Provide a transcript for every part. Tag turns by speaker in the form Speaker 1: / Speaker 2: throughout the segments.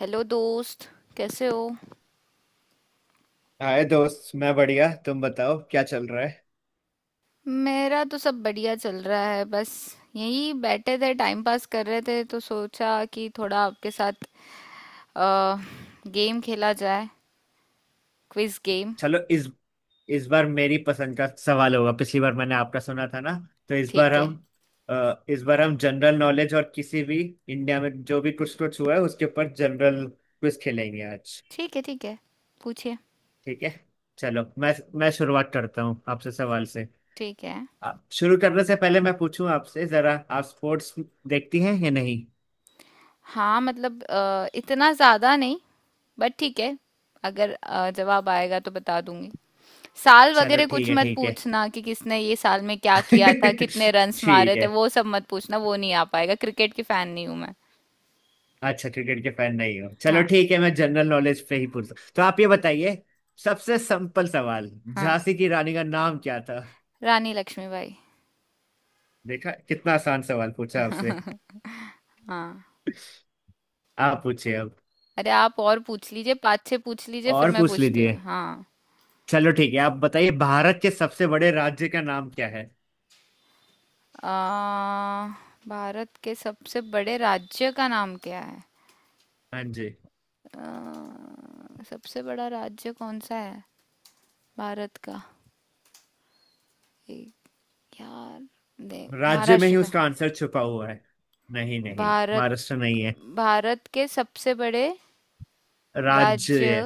Speaker 1: Hello दोस्त, कैसे हो।
Speaker 2: हाय दोस्त, मैं बढ़िया। तुम बताओ क्या चल रहा है।
Speaker 1: मेरा तो सब बढ़िया चल रहा है, बस यही बैठे थे, टाइम पास कर रहे थे, तो सोचा कि थोड़ा आपके साथ अ, गेम खेला जाए, क्विज गेम।
Speaker 2: चलो इस बार मेरी पसंद का सवाल होगा, पिछली बार मैंने आपका सुना था ना। तो इस बार
Speaker 1: ठीक है।
Speaker 2: हम इस बार हम जनरल नॉलेज और किसी भी इंडिया में जो भी कुछ कुछ हुआ है उसके ऊपर जनरल क्विज खेलेंगे आज।
Speaker 1: ठीक है। ठीक है, पूछिए।
Speaker 2: ठीक है, चलो मैं शुरुआत करता हूँ आपसे सवाल से।
Speaker 1: ठीक है।
Speaker 2: शुरू करने से पहले मैं पूछूं आपसे जरा, आप स्पोर्ट्स देखती हैं या नहीं।
Speaker 1: हाँ, मतलब इतना ज़्यादा नहीं, बट ठीक है, अगर जवाब आएगा तो बता दूंगी। साल
Speaker 2: चलो
Speaker 1: वगैरह
Speaker 2: ठीक
Speaker 1: कुछ
Speaker 2: है
Speaker 1: मत
Speaker 2: ठीक है।
Speaker 1: पूछना कि किसने ये साल में क्या किया था, कितने रन्स मारे
Speaker 2: ठीक
Speaker 1: थे,
Speaker 2: है।
Speaker 1: वो सब मत पूछना, वो नहीं आ पाएगा, क्रिकेट की फैन नहीं हूं मैं।
Speaker 2: अच्छा, क्रिकेट के फैन नहीं हो, चलो
Speaker 1: हाँ,
Speaker 2: ठीक है, मैं जनरल नॉलेज पे ही पूछता हूँ। तो आप ये बताइए, सबसे सिंपल सवाल,
Speaker 1: हाँ,
Speaker 2: झांसी की रानी का नाम क्या था।
Speaker 1: रानी लक्ष्मीबाई।
Speaker 2: देखा, कितना आसान सवाल पूछा आपसे।
Speaker 1: हाँ,
Speaker 2: आप पूछिए अब।
Speaker 1: अरे आप और पूछ लीजिए, पाँच छः पूछ लीजिए, फिर
Speaker 2: और
Speaker 1: मैं
Speaker 2: पूछ
Speaker 1: पूछती
Speaker 2: लीजिए।
Speaker 1: हूँ। हाँ।
Speaker 2: चलो ठीक है, आप बताइए भारत के सबसे बड़े राज्य का नाम क्या है।
Speaker 1: आ, भारत के सबसे बड़े राज्य का नाम क्या है।
Speaker 2: हाँ जी।
Speaker 1: सबसे बड़ा राज्य कौन सा है, भारत का। एक, यार, दे...
Speaker 2: राज्य में
Speaker 1: महाराष्ट्र
Speaker 2: ही
Speaker 1: था।
Speaker 2: उसका आंसर छुपा हुआ है। नहीं नहीं,
Speaker 1: भारत,
Speaker 2: महाराष्ट्र नहीं है।
Speaker 1: भारत के सबसे बड़े
Speaker 2: राज्य
Speaker 1: राज्य,
Speaker 2: है।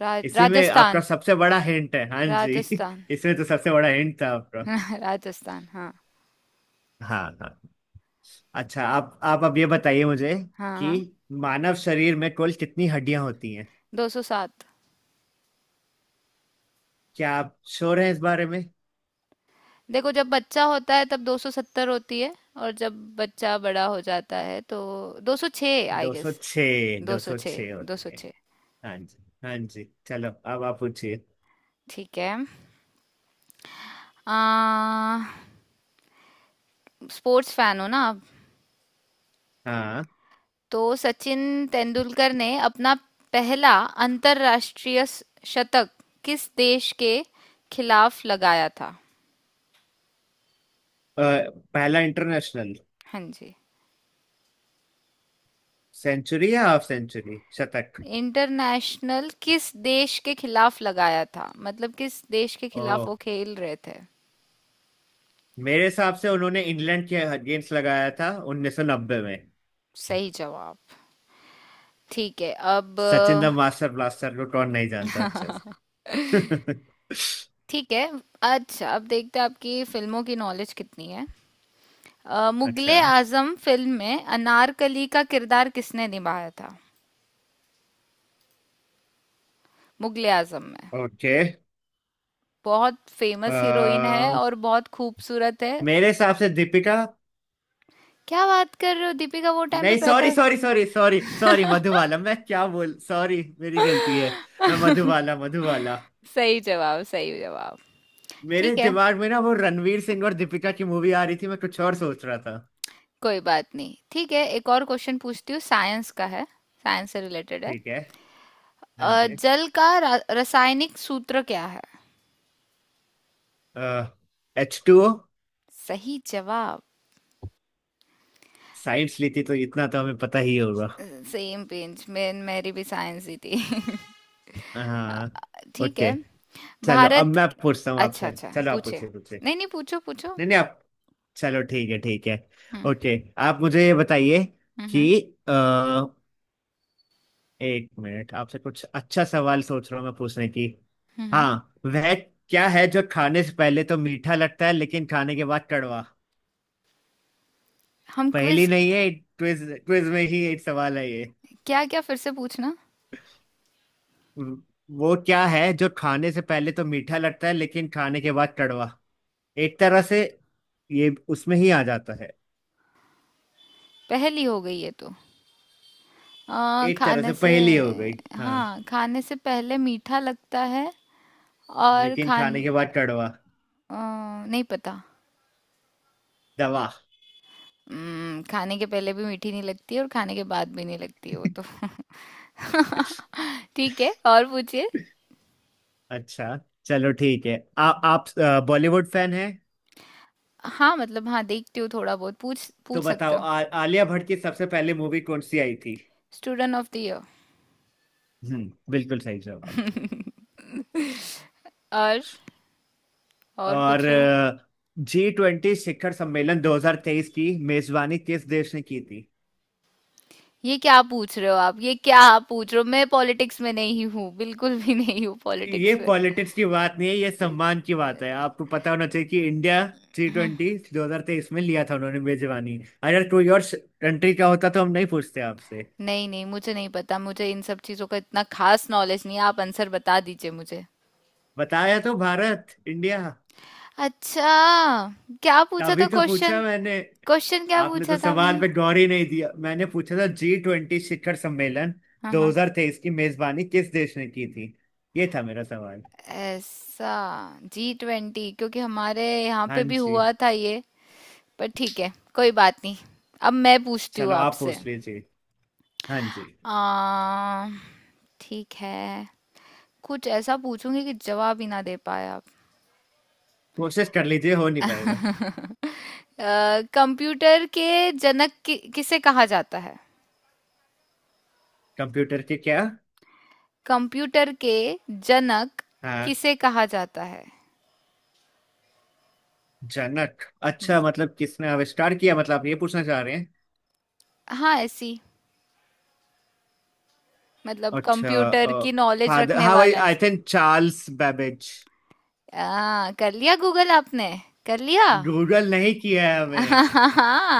Speaker 2: इसी में आपका
Speaker 1: राजस्थान।
Speaker 2: सबसे बड़ा हिंट है, हाँ जी।
Speaker 1: राजस्थान।
Speaker 2: इसमें तो सबसे बड़ा हिंट था आपका।
Speaker 1: राजस्थान, हाँ।
Speaker 2: हाँ हाँ। अच्छा आप अब ये बताइए मुझे
Speaker 1: हाँ,
Speaker 2: कि
Speaker 1: हाँ।
Speaker 2: मानव शरीर में कुल कितनी हड्डियां होती हैं।
Speaker 1: 200।
Speaker 2: क्या आप श्योर हैं इस बारे में।
Speaker 1: देखो, जब बच्चा होता है तब 270 होती है, और जब बच्चा बड़ा हो जाता है तो 206 आई गेस।
Speaker 2: 206।
Speaker 1: 206।
Speaker 2: 206 होती है।
Speaker 1: 206।
Speaker 2: हाँ जी। हाँ जी, चलो अब आप पूछिए।
Speaker 1: ठीक है। आ, स्पोर्ट्स फैन हो ना आप।
Speaker 2: हाँ।
Speaker 1: तो सचिन तेंदुलकर ने अपना पहला अंतरराष्ट्रीय शतक किस देश के खिलाफ लगाया था।
Speaker 2: अ, पहला इंटरनेशनल
Speaker 1: हाँ जी।
Speaker 2: सेंचुरी या हाफ सेंचुरी शतक।
Speaker 1: इंटरनेशनल किस देश के खिलाफ लगाया था, मतलब किस देश के
Speaker 2: ओ,
Speaker 1: खिलाफ वो खेल रहे थे।
Speaker 2: मेरे हिसाब से उन्होंने इंग्लैंड के अगेंस्ट लगाया था 1990 में।
Speaker 1: सही जवाब। ठीक है, अब...
Speaker 2: सचिन द मास्टर ब्लास्टर को कौन नहीं जानता अच्छे से।
Speaker 1: ठीक है। अच्छा, अब देखते हैं आपकी फिल्मों की नॉलेज कितनी है।
Speaker 2: अच्छा।
Speaker 1: मुगले आजम फिल्म में अनारकली का किरदार किसने निभाया था। मुगले आजम में।
Speaker 2: ओके।
Speaker 1: बहुत फेमस हीरोइन है और बहुत खूबसूरत है।
Speaker 2: मेरे हिसाब से दीपिका।
Speaker 1: क्या बात कर रहे हो, दीपिका वो टाइम पे
Speaker 2: नहीं, सॉरी
Speaker 1: पैदा...
Speaker 2: sorry sorry sorry sorry, Madhubala, मैं क्या बोल, सॉरी मेरी गलती है। मैं मधुबाला मधुबाला।
Speaker 1: सही जवाब, सही जवाब।
Speaker 2: मेरे
Speaker 1: ठीक है,
Speaker 2: दिमाग में ना वो रणवीर सिंह और दीपिका की मूवी आ रही थी, मैं कुछ और सोच रहा था।
Speaker 1: कोई बात नहीं, ठीक है, एक और क्वेश्चन पूछती हूँ, साइंस का है, साइंस से रिलेटेड है।
Speaker 2: ठीक है। हाँ जी।
Speaker 1: जल का रासायनिक सूत्र क्या है।
Speaker 2: H two O.
Speaker 1: सही जवाब।
Speaker 2: साइंस ली थी तो इतना तो हमें पता ही होगा।
Speaker 1: सेम पेज में मेरी भी साइंस ही थी। अ,
Speaker 2: हाँ।
Speaker 1: ठीक
Speaker 2: ओके,
Speaker 1: है।
Speaker 2: चलो अब
Speaker 1: भारत...
Speaker 2: मैं पूछता हूँ
Speaker 1: अच्छा,
Speaker 2: आपसे।
Speaker 1: अच्छा,
Speaker 2: चलो आप
Speaker 1: पूछे।
Speaker 2: पूछिए पूछिए।
Speaker 1: नहीं, नहीं, पूछो, पूछो।
Speaker 2: नहीं नहीं, आप। चलो ठीक है ठीक है।
Speaker 1: हम्म,
Speaker 2: ओके, आप मुझे ये बताइए
Speaker 1: हम्म।
Speaker 2: कि
Speaker 1: हम्म।
Speaker 2: एक मिनट, आपसे कुछ अच्छा सवाल सोच रहा हूँ मैं पूछने की।
Speaker 1: हम्म।
Speaker 2: हाँ, वह क्या है जो खाने से पहले तो मीठा लगता है लेकिन खाने के बाद कड़वा।
Speaker 1: हम,
Speaker 2: पहेली
Speaker 1: क्विज।
Speaker 2: नहीं है, क्विज, क्विज में ही एक सवाल है ये।
Speaker 1: क्या, क्या फिर से पूछना।
Speaker 2: वो क्या है जो खाने से पहले तो मीठा लगता है लेकिन खाने के बाद कड़वा। एक तरह से ये उसमें ही आ जाता है।
Speaker 1: पहली हो गई है तो...
Speaker 2: एक तरह
Speaker 1: खाने
Speaker 2: से
Speaker 1: से...
Speaker 2: पहेली हो गई। हाँ।
Speaker 1: हाँ, खाने से पहले मीठा लगता है और
Speaker 2: लेकिन
Speaker 1: खान...
Speaker 2: खाने के बाद कड़वा।
Speaker 1: अ, नहीं पता।
Speaker 2: दवा।
Speaker 1: खाने के पहले भी मीठी नहीं लगती और खाने के बाद भी नहीं लगती वो तो। ठीक है, और पूछिए।
Speaker 2: अच्छा। चलो ठीक है, आप बॉलीवुड फैन है,
Speaker 1: हाँ, मतलब हाँ, देखती हूँ थोड़ा बहुत, पूछ
Speaker 2: तो
Speaker 1: पूछ सकते
Speaker 2: बताओ
Speaker 1: हो।
Speaker 2: आलिया भट्ट की सबसे पहले मूवी कौन सी आई थी।
Speaker 1: Student of the year.
Speaker 2: हम्म, बिल्कुल सही जवाब।
Speaker 1: और और
Speaker 2: और
Speaker 1: पूछो।
Speaker 2: जी ट्वेंटी शिखर सम्मेलन 2023 की मेजबानी किस देश ने की थी।
Speaker 1: ये क्या पूछ रहे हो आप, ये क्या आप पूछ रहे हो, मैं पॉलिटिक्स में नहीं हूँ, बिल्कुल भी नहीं हूँ
Speaker 2: ये
Speaker 1: पॉलिटिक्स में।
Speaker 2: पॉलिटिक्स की बात नहीं है, ये सम्मान की बात है, आपको पता होना चाहिए कि इंडिया जी
Speaker 1: हम्म।
Speaker 2: ट्वेंटी 2023 में लिया था उन्होंने मेजबानी। अगर कोई और कंट्री का होता तो हम नहीं पूछते आपसे।
Speaker 1: नहीं, नहीं, मुझे नहीं पता, मुझे इन सब चीजों का इतना खास नॉलेज नहीं है, आप आंसर बता दीजिए मुझे।
Speaker 2: बताया तो, भारत, इंडिया।
Speaker 1: अच्छा, क्या पूछा
Speaker 2: अभी
Speaker 1: था
Speaker 2: तो पूछा
Speaker 1: क्वेश्चन,
Speaker 2: मैंने।
Speaker 1: क्वेश्चन क्या
Speaker 2: आपने तो
Speaker 1: पूछा था
Speaker 2: सवाल
Speaker 1: आपने।
Speaker 2: पे गौर ही नहीं दिया, मैंने पूछा था जी ट्वेंटी शिखर सम्मेलन
Speaker 1: हाँ, हाँ,
Speaker 2: 2023 की मेजबानी किस देश ने की थी। ये था मेरा सवाल।
Speaker 1: ऐसा। G20, क्योंकि हमारे यहाँ
Speaker 2: हाँ
Speaker 1: पे भी
Speaker 2: जी।
Speaker 1: हुआ था ये। पर ठीक है, कोई बात नहीं, अब मैं पूछती हूँ
Speaker 2: चलो आप
Speaker 1: आपसे।
Speaker 2: पूछ लीजिए। हाँ जी।
Speaker 1: आ, ठीक है, कुछ ऐसा पूछूंगी कि जवाब ही ना दे पाए आप।
Speaker 2: कोशिश कर लीजिए, हो नहीं पाएगा।
Speaker 1: कंप्यूटर के जनक किसे कहा जाता है।
Speaker 2: कंप्यूटर के क्या।
Speaker 1: कंप्यूटर के जनक
Speaker 2: हाँ।
Speaker 1: किसे कहा जाता है।
Speaker 2: जनक।
Speaker 1: हम्म,
Speaker 2: अच्छा, मतलब किसने आविष्कार किया, मतलब आप ये पूछना चाह रहे हैं।
Speaker 1: हाँ, ऐसी, मतलब
Speaker 2: अच्छा,
Speaker 1: कंप्यूटर की नॉलेज
Speaker 2: फादर,
Speaker 1: रखने
Speaker 2: हाँ भाई,
Speaker 1: वाला
Speaker 2: आई
Speaker 1: इंसान।
Speaker 2: Think Charles Babbage.
Speaker 1: कर लिया गूगल आपने, कर लिया।
Speaker 2: गूगल नहीं किया है हमें।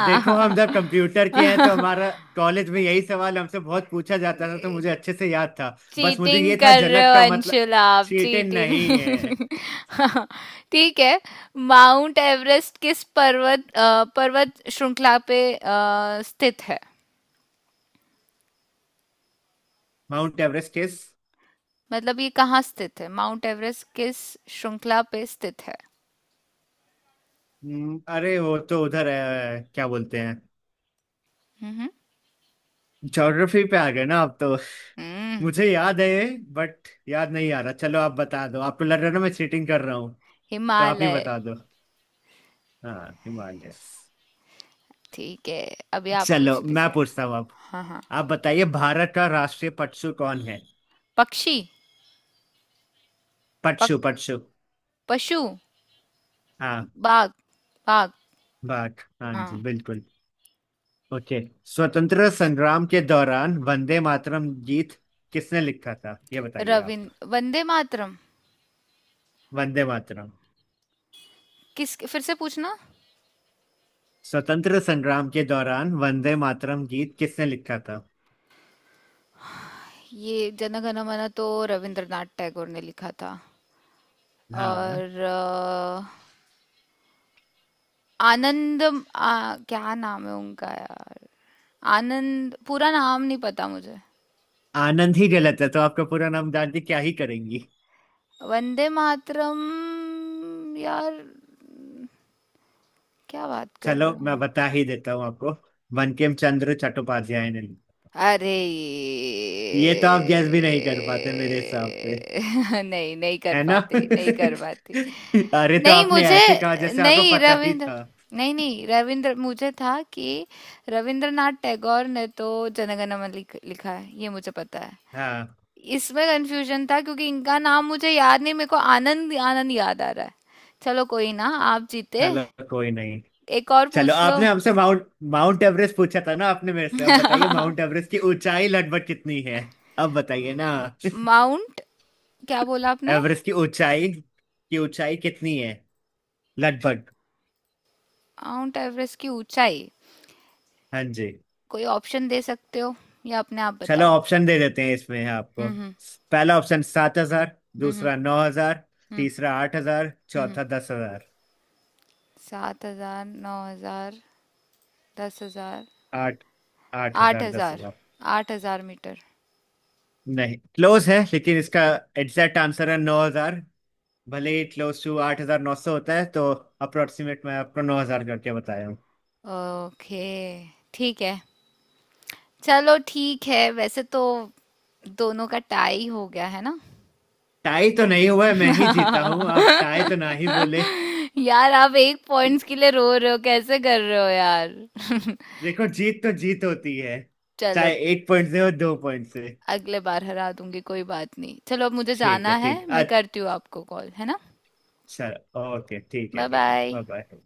Speaker 2: देखो हम जब कंप्यूटर के हैं तो हमारा कॉलेज में यही सवाल हमसे बहुत पूछा जाता था, तो मुझे अच्छे से याद था, बस मुझे
Speaker 1: चीटिंग
Speaker 2: ये था
Speaker 1: कर रहे
Speaker 2: जनक
Speaker 1: हो
Speaker 2: का मतलब।
Speaker 1: अंशुल, आप
Speaker 2: चीटे नहीं है।
Speaker 1: चीटिंग। ठीक है। माउंट एवरेस्ट किस पर्वत, पर्वत श्रृंखला पे स्थित है।
Speaker 2: माउंट एवरेस्ट किस।
Speaker 1: मतलब ये कहाँ स्थित है, माउंट एवरेस्ट किस श्रृंखला पे स्थित है।
Speaker 2: अरे वो तो उधर है, क्या बोलते हैं।
Speaker 1: हम्म,
Speaker 2: ज्योग्राफी पे आ गए ना आप तो।
Speaker 1: हम्म,
Speaker 2: मुझे याद है, बट याद नहीं आ रहा, चलो आप बता दो, आपको लग रहा है ना मैं चीटिंग कर रहा हूँ, तो आप ही
Speaker 1: हिमालय।
Speaker 2: बता दो। हाँ, हिमालय।
Speaker 1: ठीक है, अभी आप पूछ
Speaker 2: चलो मैं
Speaker 1: लीजिए।
Speaker 2: पूछता हूँ अब।
Speaker 1: हाँ, हाँ।
Speaker 2: आप बताइए भारत का राष्ट्रीय पशु कौन है।
Speaker 1: पक्षी। पक,
Speaker 2: पशु पशु।
Speaker 1: पशु।
Speaker 2: हाँ।
Speaker 1: बाग, बाग।
Speaker 2: बात, हाँ
Speaker 1: हाँ।
Speaker 2: जी बिल्कुल। ओके, स्वतंत्र संग्राम के दौरान वंदे मातरम गीत किसने लिखा था, ये बताइए आप।
Speaker 1: रविंद्र, वंदे मातरम।
Speaker 2: वंदे मातरम।
Speaker 1: किस, फिर से पूछना।
Speaker 2: स्वतंत्र संग्राम के दौरान वंदे मातरम गीत किसने लिखा था।
Speaker 1: ये जन गण मन तो रविंद्रनाथ टैगोर ने लिखा था,
Speaker 2: हाँ।
Speaker 1: और आनंद... क्या नाम है उनका यार, आनंद, पूरा नाम नहीं पता मुझे।
Speaker 2: आनंद ही गलत है, तो आपका पूरा नाम जान के क्या ही करेंगी।
Speaker 1: वंदे मातरम, यार, क्या बात कर
Speaker 2: चलो
Speaker 1: रहे हो।
Speaker 2: मैं बता ही देता हूँ आपको, बंकिम चंद्र चट्टोपाध्याय ने लिखा।
Speaker 1: अरे
Speaker 2: ये तो
Speaker 1: ये
Speaker 2: आप गैस भी नहीं कर पाते मेरे हिसाब से,
Speaker 1: नहीं, नहीं कर
Speaker 2: है ना।
Speaker 1: पाते, नहीं कर पाते।
Speaker 2: अरे तो
Speaker 1: नहीं,
Speaker 2: आपने
Speaker 1: मुझे...
Speaker 2: ऐसे कहा जैसे आपको
Speaker 1: नहीं,
Speaker 2: पता ही
Speaker 1: रविंद्र,
Speaker 2: था।
Speaker 1: नहीं, नहीं, रविंद्र मुझे था कि रविंद्रनाथ टैगोर ने तो जनगण मन लिखा है, ये मुझे पता है।
Speaker 2: हाँ,
Speaker 1: इसमें कंफ्यूजन था क्योंकि इनका नाम मुझे याद नहीं, मेरे को आनंद आनंद याद आ रहा है। चलो कोई ना, आप जीते।
Speaker 2: चलो कोई नहीं।
Speaker 1: एक और
Speaker 2: चलो
Speaker 1: पूछ लो।
Speaker 2: आपने हमसे माउंट, एवरेस्ट पूछा था ना आपने मेरे से, अब बताइए माउंट एवरेस्ट की ऊंचाई लगभग कितनी है। अब बताइए ना।
Speaker 1: माउंट... क्या बोला आपने,
Speaker 2: एवरेस्ट की ऊंचाई कितनी है लगभग।
Speaker 1: माउंट एवरेस्ट की ऊंचाई।
Speaker 2: हाँ जी।
Speaker 1: कोई ऑप्शन दे सकते हो या अपने आप
Speaker 2: चलो
Speaker 1: बताओ।
Speaker 2: ऑप्शन दे देते हैं इसमें आपको।
Speaker 1: हम्म, हम्म,
Speaker 2: पहला ऑप्शन 7,000,
Speaker 1: हम्म,
Speaker 2: दूसरा 9,000,
Speaker 1: हम्म,
Speaker 2: तीसरा 8,000,
Speaker 1: हम्म।
Speaker 2: चौथा 10,000।
Speaker 1: 7,000, 9,000, 10,000।
Speaker 2: आठ, आठ
Speaker 1: आठ
Speaker 2: हजार दस
Speaker 1: हजार
Speaker 2: हजार
Speaker 1: 8,000 मीटर।
Speaker 2: नहीं, क्लोज है लेकिन इसका एग्जैक्ट आंसर है 9,000। भले ही क्लोज टू 8,900 होता है, तो अप्रोक्सीमेट मैं आपको 9,000 करके बताया हूँ।
Speaker 1: ओके, ठीक है। चलो ठीक है, वैसे तो दोनों का टाई हो गया है ना।
Speaker 2: टाई तो नहीं हुआ है, मैं ही जीता हूँ, आप टाई तो ना ही बोले।
Speaker 1: यार, आप एक पॉइंट्स के लिए रो रहे हो, कैसे कर रहे हो यार।
Speaker 2: देखो जीत तो जीत होती है,
Speaker 1: चलो,
Speaker 2: चाहे एक पॉइंट से हो, दो पॉइंट से।
Speaker 1: अगले बार हरा दूंगी, कोई बात नहीं। चलो, अब मुझे
Speaker 2: ठीक
Speaker 1: जाना
Speaker 2: है
Speaker 1: है,
Speaker 2: ठीक
Speaker 1: मैं
Speaker 2: है,
Speaker 1: करती हूँ आपको कॉल, है ना।
Speaker 2: अच्छा, ओके ठीक है
Speaker 1: बाय
Speaker 2: ठीक है,
Speaker 1: बाय।
Speaker 2: Bye bye.